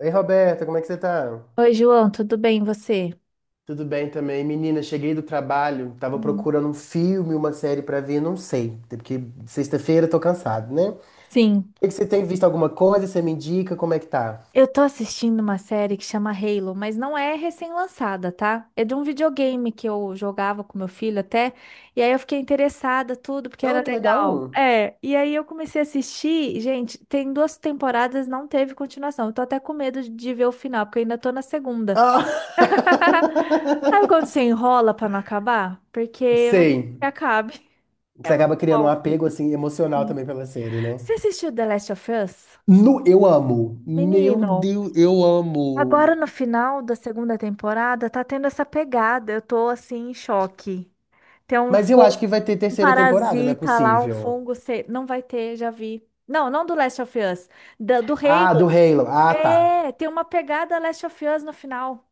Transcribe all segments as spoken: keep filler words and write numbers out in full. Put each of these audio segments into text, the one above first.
Ei, Roberta, como é que você tá? Oi, João, tudo bem, e você? Tudo bem também. Menina, cheguei do trabalho, tava Hum. procurando um filme, uma série pra ver, não sei, até porque sexta-feira eu tô cansado, né? O Sim, que que você tem visto alguma coisa? Você me indica como é que tá? eu tô assistindo uma série que chama Halo, mas não é recém-lançada, tá? É de um videogame que eu jogava com meu filho até, e aí eu fiquei interessada, tudo, porque Ah, era que legal. legal. É, e aí eu comecei a assistir, gente, tem duas temporadas, não teve continuação. Eu tô até com medo de de ver o final, porque eu ainda tô na segunda. Ah! Sabe quando você enrola pra não acabar? Porque eu não quero que Sei. acabe. Você É acaba muito criando um bom. apego assim emocional Sim. também pela série, né? Você assistiu The Last of Us? No, eu amo. Meu Menino. Deus, eu Agora amo. no final da segunda temporada tá tendo essa pegada. Eu tô assim em choque. Tem um Mas eu fungo, acho que vai ter um terceira temporada, não é parasita lá, um possível. fungo, sei- não vai ter, já vi. Não, não do Last of Us, da- do Ah, do Halo. Halo. Ah, tá. É, tem uma pegada Last of Us no final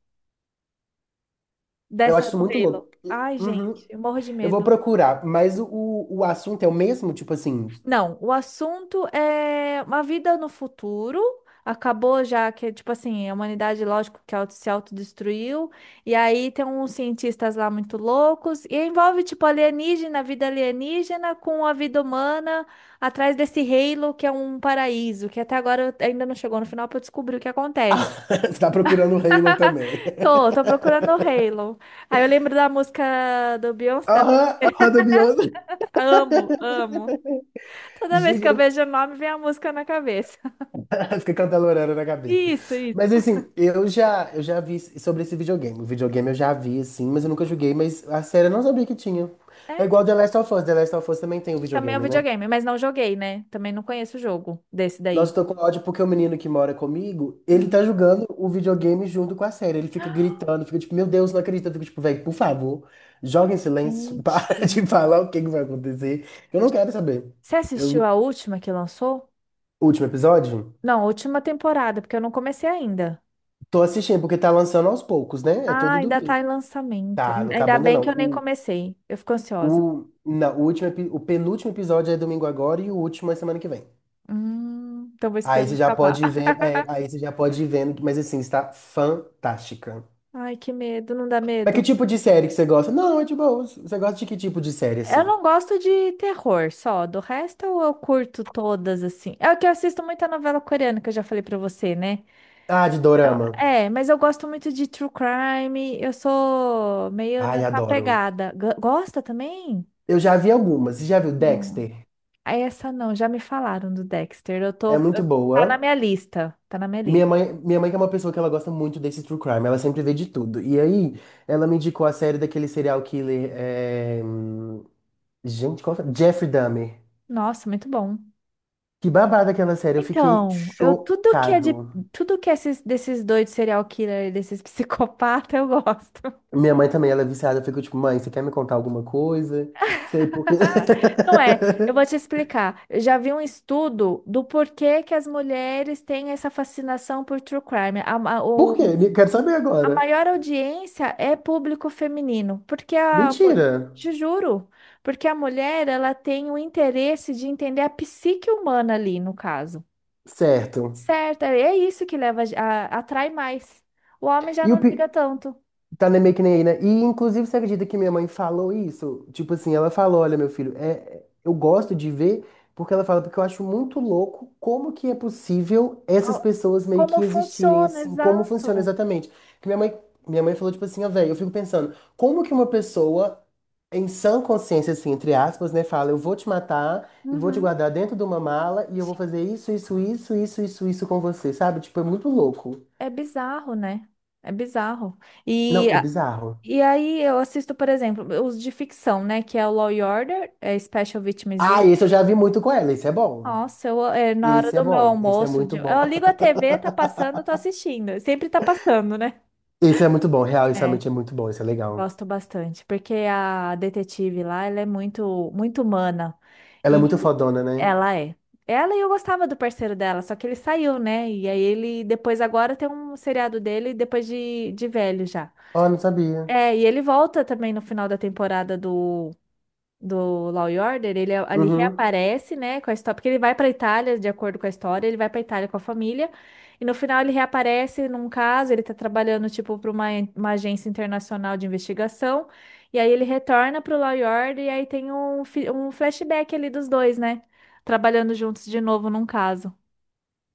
Eu dessa acho isso do muito Halo. louco. Ai, Uhum. gente, eu morro de Eu vou medo. procurar, mas o, o assunto é o mesmo? Tipo assim, Não, o assunto é uma vida no futuro. Acabou já que, tipo assim, a humanidade, lógico, que auto- se autodestruiu. E aí tem uns cientistas lá muito loucos. E envolve, tipo, alienígena, vida alienígena com a vida humana atrás desse Halo, que é um paraíso. Que até agora eu- ainda não chegou no final pra eu descobrir o que acontece. você tá procurando o Halo também. Tô, tô procurando o Halo. Aí eu lembro da música do Beyoncé, da Aham, aham, da Beyoncé. amo, amo. Toda vez Gente, que eu eu- vejo o nome, vem a música na cabeça. fica cantalorando na cabeça. Isso, isso. Mas assim, eu já, eu já vi sobre esse videogame. O videogame eu já vi, assim, mas eu nunca joguei, mas a série eu não sabia que tinha. É É, igual tam- The Last of Us. The Last of Us também tem o também é um videogame, né? videogame, mas não joguei, né? Também não conheço o jogo desse Nossa, daí. eu tô com ódio porque o menino que mora comigo, ele tá Hum. jogando o videogame junto com a série. Ele fica gritando, fica tipo, meu Deus, não acredito. Eu fico tipo, velho, por favor, joga em silêncio, Gente. para de falar o que que vai acontecer. Eu não quero saber. Você Eu, assistiu a última que lançou? último episódio, Não, a última temporada, porque eu não comecei ainda. tô assistindo porque tá lançando aos poucos, né? É Ah, todo ainda tá em domingo. lançamento. Tá, não acabou Ainda ainda bem não. que eu nem O, comecei. Eu fico ansiosa. o, na, o, último, epi- O penúltimo episódio é domingo agora e o último é semana que vem. Hum, então vou Aí esperar você já acabar. pode ir vendo, é, aí você já pode ir vendo, mas assim, está fantástica. Ai, que medo, não dá Mas que medo. tipo de série que você gosta? Não, é de boa. Você gosta de que tipo de série, Eu assim? não gosto de terror só. Do resto eu curto todas assim. É o que eu assisto muita novela coreana, que eu já falei pra você, né? Ah, de dorama. É, mas eu gosto muito de true crime. Eu sou meio Ai, nessa adoro. pegada. G- Gosta também? Eu já vi algumas. Você já viu Hum, Dexter? Ah, essa não, já me falaram do Dexter. Eu tô, É muito tá na boa. minha lista, tá na minha Minha lista. mãe, minha mãe que é uma pessoa que ela gosta muito desse true crime. Ela sempre vê de tudo. E aí, ela me indicou a série daquele serial killer, é, hum, gente, qual foi? Jeffrey Dahmer. Nossa, muito bom. Que babada aquela série. Eu fiquei Então, eu tudo que é de chocado. tudo que é esses, desses doidos serial killer, desses psicopatas, eu gosto. Minha mãe também, ela é viciada. Eu fico tipo, mãe, você quer me contar alguma coisa? Sei porque. Não é, eu vou te explicar. Eu já vi um estudo do porquê que as mulheres têm essa fascinação por true crime. A, a- Por o quê? Me- Quero saber A agora. maior audiência é público feminino, porque a, Mentira. te juro, porque a mulher ela tem o interesse de entender a psique humana ali, no caso. Certo. Certo, é isso que leva a, a- atrai mais. O homem já E o não liga pi... tanto. Tá nem- meio que nem aí, né? E inclusive você acredita que minha mãe falou isso? Tipo assim, ela falou, olha, meu filho, é, é- eu gosto de ver, porque ela fala, porque eu acho muito louco como que é possível essas ao- pessoas meio Como que existirem, funciona, assim, como funciona exato. exatamente. Que minha mãe, minha mãe falou, tipo assim, ó, velho, eu fico pensando, como que uma pessoa, em sã consciência, assim, entre aspas, né, fala, eu vou te matar e vou te Uhum. guardar dentro de uma mala e eu vou Sim, fazer isso, isso, isso, isso, isso, isso com você, sabe? Tipo, é muito louco. é bizarro, né? É bizarro. Não, E, é a- bizarro. e aí eu assisto, por exemplo, os de ficção, né? Que é o Law e Order, é Special Victims. Ah, esse eu já vi muito com ela. Esse é bom. Nossa, eu, é, na hora Esse é do meu bom. Esse é almoço, de- muito bom. eu ligo a T V, tá passando, tô assistindo. Sempre tá passando, né? Esse é muito bom. Real, isso É, realmente é muito bom. Esse é legal. gosto bastante, porque a detetive lá, ela é muito, muito humana. Ela é muito E fodona, né? ela é. Ela e eu gostava do parceiro dela, só que ele saiu, né? E aí ele, depois agora tem um seriado dele, depois de, de velho já. Oh, não sabia. É, e ele volta também no final da temporada do do Law e Order, ele a- ali Uhum. reaparece, né, com a história, porque ele vai para Itália, de acordo com a história, ele vai para Itália com a família, e no final ele reaparece num caso, ele tá trabalhando tipo para uma, uma agência internacional de investigação, e aí ele retorna pro Law e Order e aí tem um, fi- um flashback ali dos dois, né, trabalhando juntos de novo num caso.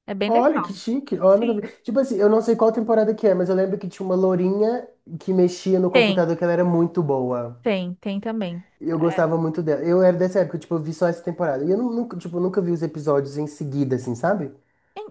É bem Olha, que legal. chique. Oh, nunca Sim. vi. Tipo assim, eu não sei qual temporada que é, mas eu lembro que tinha uma lourinha que mexia no Tem, computador que ela era muito boa. tem, tem também. Eu É. gostava muito dela. Eu era dessa época, tipo, eu vi só essa temporada. E eu nu- nunca, tipo, nunca vi os episódios em seguida, assim, sabe?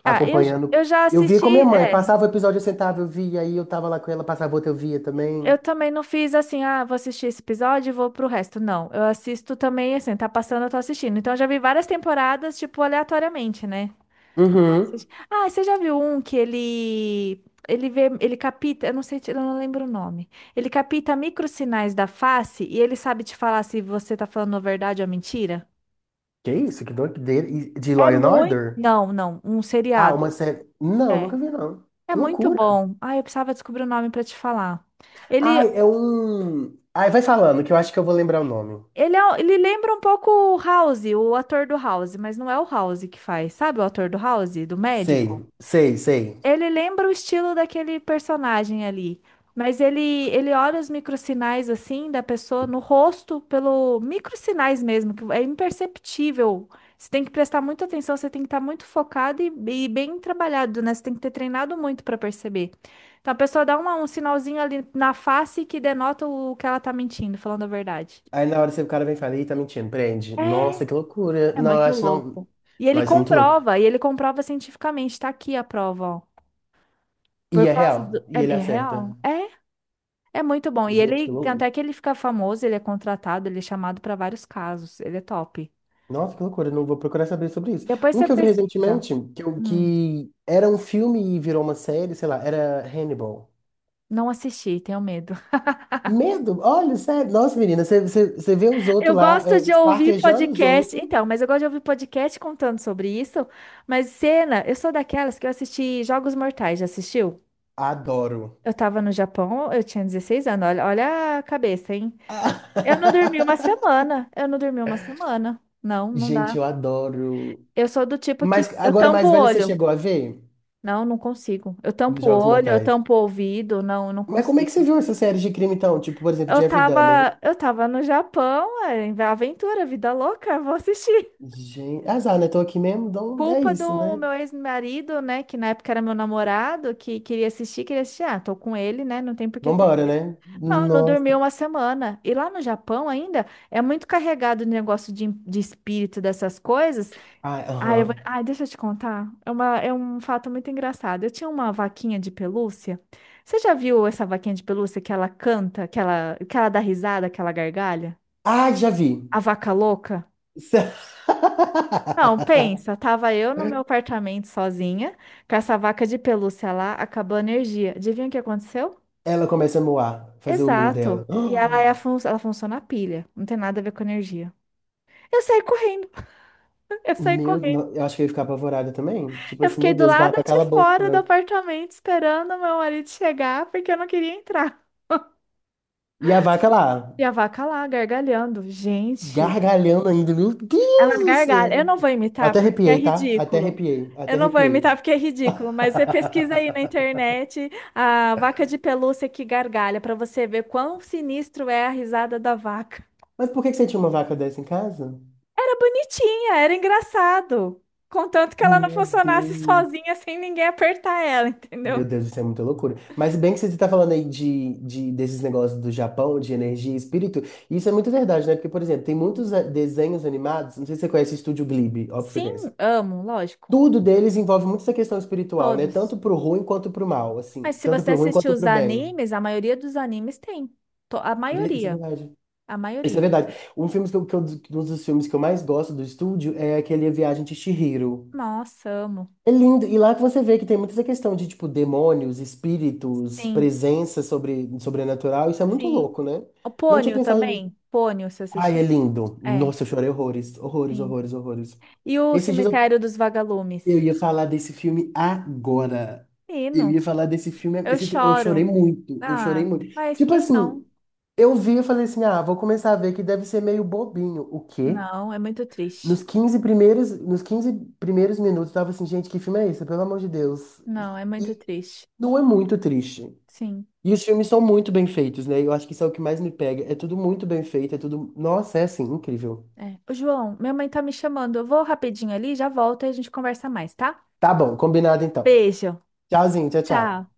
Ah, eu, eu Acompanhando. já Eu via assisti, com minha mãe. é. Passava o episódio, eu sentava, eu via. Aí eu tava lá com ela, passava outro, eu via Eu também. também não fiz assim, ah, vou assistir esse episódio e vou pro resto. Não, eu assisto também, assim, tá passando, eu tô assistindo. Então, eu já vi várias temporadas, tipo, aleatoriamente, né? Uhum. Assisti- Ah, você já viu um que ele Ele vê, ele capta, eu não sei, eu não lembro o nome. Ele capta microsinais da face e ele sabe te falar se você tá falando a verdade ou a mentira? Que isso? Que doideira. E De Law É and muito... Order? não, não, um Ah, uma seriado. série. Não, É. nunca vi, não. É Que muito loucura. bom. Ah, eu precisava descobrir o nome pra te falar. Ele Ai, é um. Ai, vai falando, que eu acho que eu vou lembrar o nome. Ele, é, ele lembra um pouco o House, o ator do House, mas não é o House que faz. Sabe o ator do House, do médico? Sei, sei, sei. Ele lembra o estilo daquele personagem ali. Mas ele, ele olha os microsinais assim da pessoa no rosto, pelo microsinais mesmo, que é imperceptível. Você tem que prestar muita atenção, você tem que estar muito focado e, e bem trabalhado, né? Você tem que ter treinado muito para perceber. Então a pessoa dá uma- um sinalzinho ali na face que denota o que ela tá mentindo, falando a verdade. Aí na hora você, o cara vem e fala, ih, tá mentindo, prende. É, Nossa, que loucura. é Não, eu muito acho que não. louco. E ele Nossa, isso é muito louco. comprova, e ele comprova cientificamente, tá aqui a prova, ó. E Por é causa real. do... é, E ele é acerta. real. É, é muito bom. E Gente, que ele, tem louco. até que ele fica famoso, ele é contratado, ele é chamado para vários casos. Ele é top. Nossa, que loucura. Não vou procurar saber sobre isso. Depois Um você que eu vi pesquisa. recentemente, que, eu- Hum, que era um filme e virou uma série, sei lá, era Hannibal. não assisti, tenho medo. Medo? Olha, sério. Nossa, menina, você, você, você vê os outros Eu lá, gosto é, de ouvir esquartejando os podcast. outros. Então, mas eu gosto de ouvir podcast contando sobre isso. Mas cena, eu sou daquelas que eu assisti Jogos Mortais, já assistiu? Adoro. Eu tava no Japão, eu tinha dezesseis anos. Olha, olha a cabeça, hein? Eu não dormi uma semana. Eu não dormi uma semana. Não, não dá. Gente, eu adoro. Eu sou do tipo Mas que eu agora, tampo mais o velha, você olho. chegou a ver Não, não consigo. Eu tampo o Jogos olho, eu Mortais? tampo o ouvido. Não, não Mas como é que você consigo. viu essas séries de crime, então? Tipo, por exemplo, Eu Jeffrey Dahmer. tava, eu tava no Japão, é, em aventura, vida louca, vou assistir. Gente, azar, né? Tô aqui mesmo, então é Culpa isso, do né? meu ex-marido, né, que na época era meu namorado, que queria assistir, queria assistir. Ah, tô com ele, né, não tem por que ter. Vambora, né? Não, não dormi Nossa. uma semana. E lá no Japão ainda é muito carregado o negócio de, de espírito dessas coisas. Ah, Ah, eu vou... aham. ah, deixa eu te contar. É uma... é um fato muito engraçado. Eu tinha uma vaquinha de pelúcia. Você já viu essa vaquinha de pelúcia que ela canta, que ela, que ela dá risada, que ela gargalha? Ah, já vi. A vaca louca? Não, pensa, tava eu no meu apartamento sozinha, com essa vaca de pelúcia lá, acabou a energia. Adivinha o que aconteceu? Ela começa a moar, fazer o mu dela. Exato. E ela, é a fun... ela funciona a pilha, não tem nada a ver com energia. Eu saí correndo, eu saí Meu, correndo. no- eu acho que eu ia ficar apavorada também. Tipo Eu assim, fiquei meu do Deus, lado vaca, de cala a fora do boca. apartamento esperando o meu marido chegar porque eu não queria entrar. E a vaca lá, E a vaca lá gargalhando. Gente, gargalhando ainda, meu ela Deus do gargalha. céu. Eu não vou imitar Até porque é arrepiei, tá? Até ridículo. arrepiei, Eu até não vou arrepiei. imitar porque é ridículo, mas você pesquisa aí na internet a vaca de pelúcia que gargalha para você ver quão sinistro é a risada da vaca. Mas por que que você tinha uma vaca dessa em casa? Era bonitinha, era engraçado. Contanto que ela não Meu funcionasse Deus. sozinha sem ninguém apertar ela, entendeu? Meu Deus, isso é muita loucura. Mas bem que você está falando aí de, de- desses negócios do Japão, de energia e espírito, isso é muito verdade, né? Porque, por exemplo, tem Sim, muitos eh, desenhos animados, não sei se você conhece o Estúdio Ghibli, óbvio que você sim, conhece. amo, lógico. Tudo deles envolve muito essa questão espiritual, né? Tanto Todos. pro ruim quanto pro mal, assim. Mas se Tanto você pro ruim assistir quanto os pro bem. animes, a maioria dos animes tem. To- A Isso é maioria. verdade. A Isso é maioria. verdade. Um filme que eu, que eu- um dos filmes que eu mais gosto do estúdio é aquele A Viagem de Chihiro. Nossa, amo. É lindo. E lá que você vê que tem muita essa questão de, tipo, demônios, espíritos, Sim, presença sobre, sobrenatural. Isso é muito sim. louco, né? O Não tinha Pônio pensado nisso. também. Pônio, você Ai, é assistiu? lindo. É, Nossa, eu chorei horrores. Horrores, sim. horrores, horrores. E o Esses dias Cemitério dos Eu Vagalumes? ia falar desse filme agora. Eu ia Menino, falar desse filme. eu Esse, fi- eu chorei choro. muito. Eu chorei Ah, muito. mas Tipo quem assim, não? eu vi e falei assim: ah, vou começar a ver que deve ser meio bobinho. O quê? Não, é muito triste. Nos quinze primeiros, nos quinze primeiros minutos, eu tava assim: gente, que filme é esse? Pelo amor de Deus. Não, é muito E triste. não é muito triste. Sim, E os filmes são muito bem feitos, né? Eu acho que isso é o que mais me pega. É tudo muito bem feito, é tudo. Nossa, é assim, incrível. é. Ô, João, minha mãe tá me chamando. Eu vou rapidinho ali, já volto e a gente conversa mais, tá? Tá bom, combinado então. Beijo. Tchauzinho, tchau, tchau. Tchau.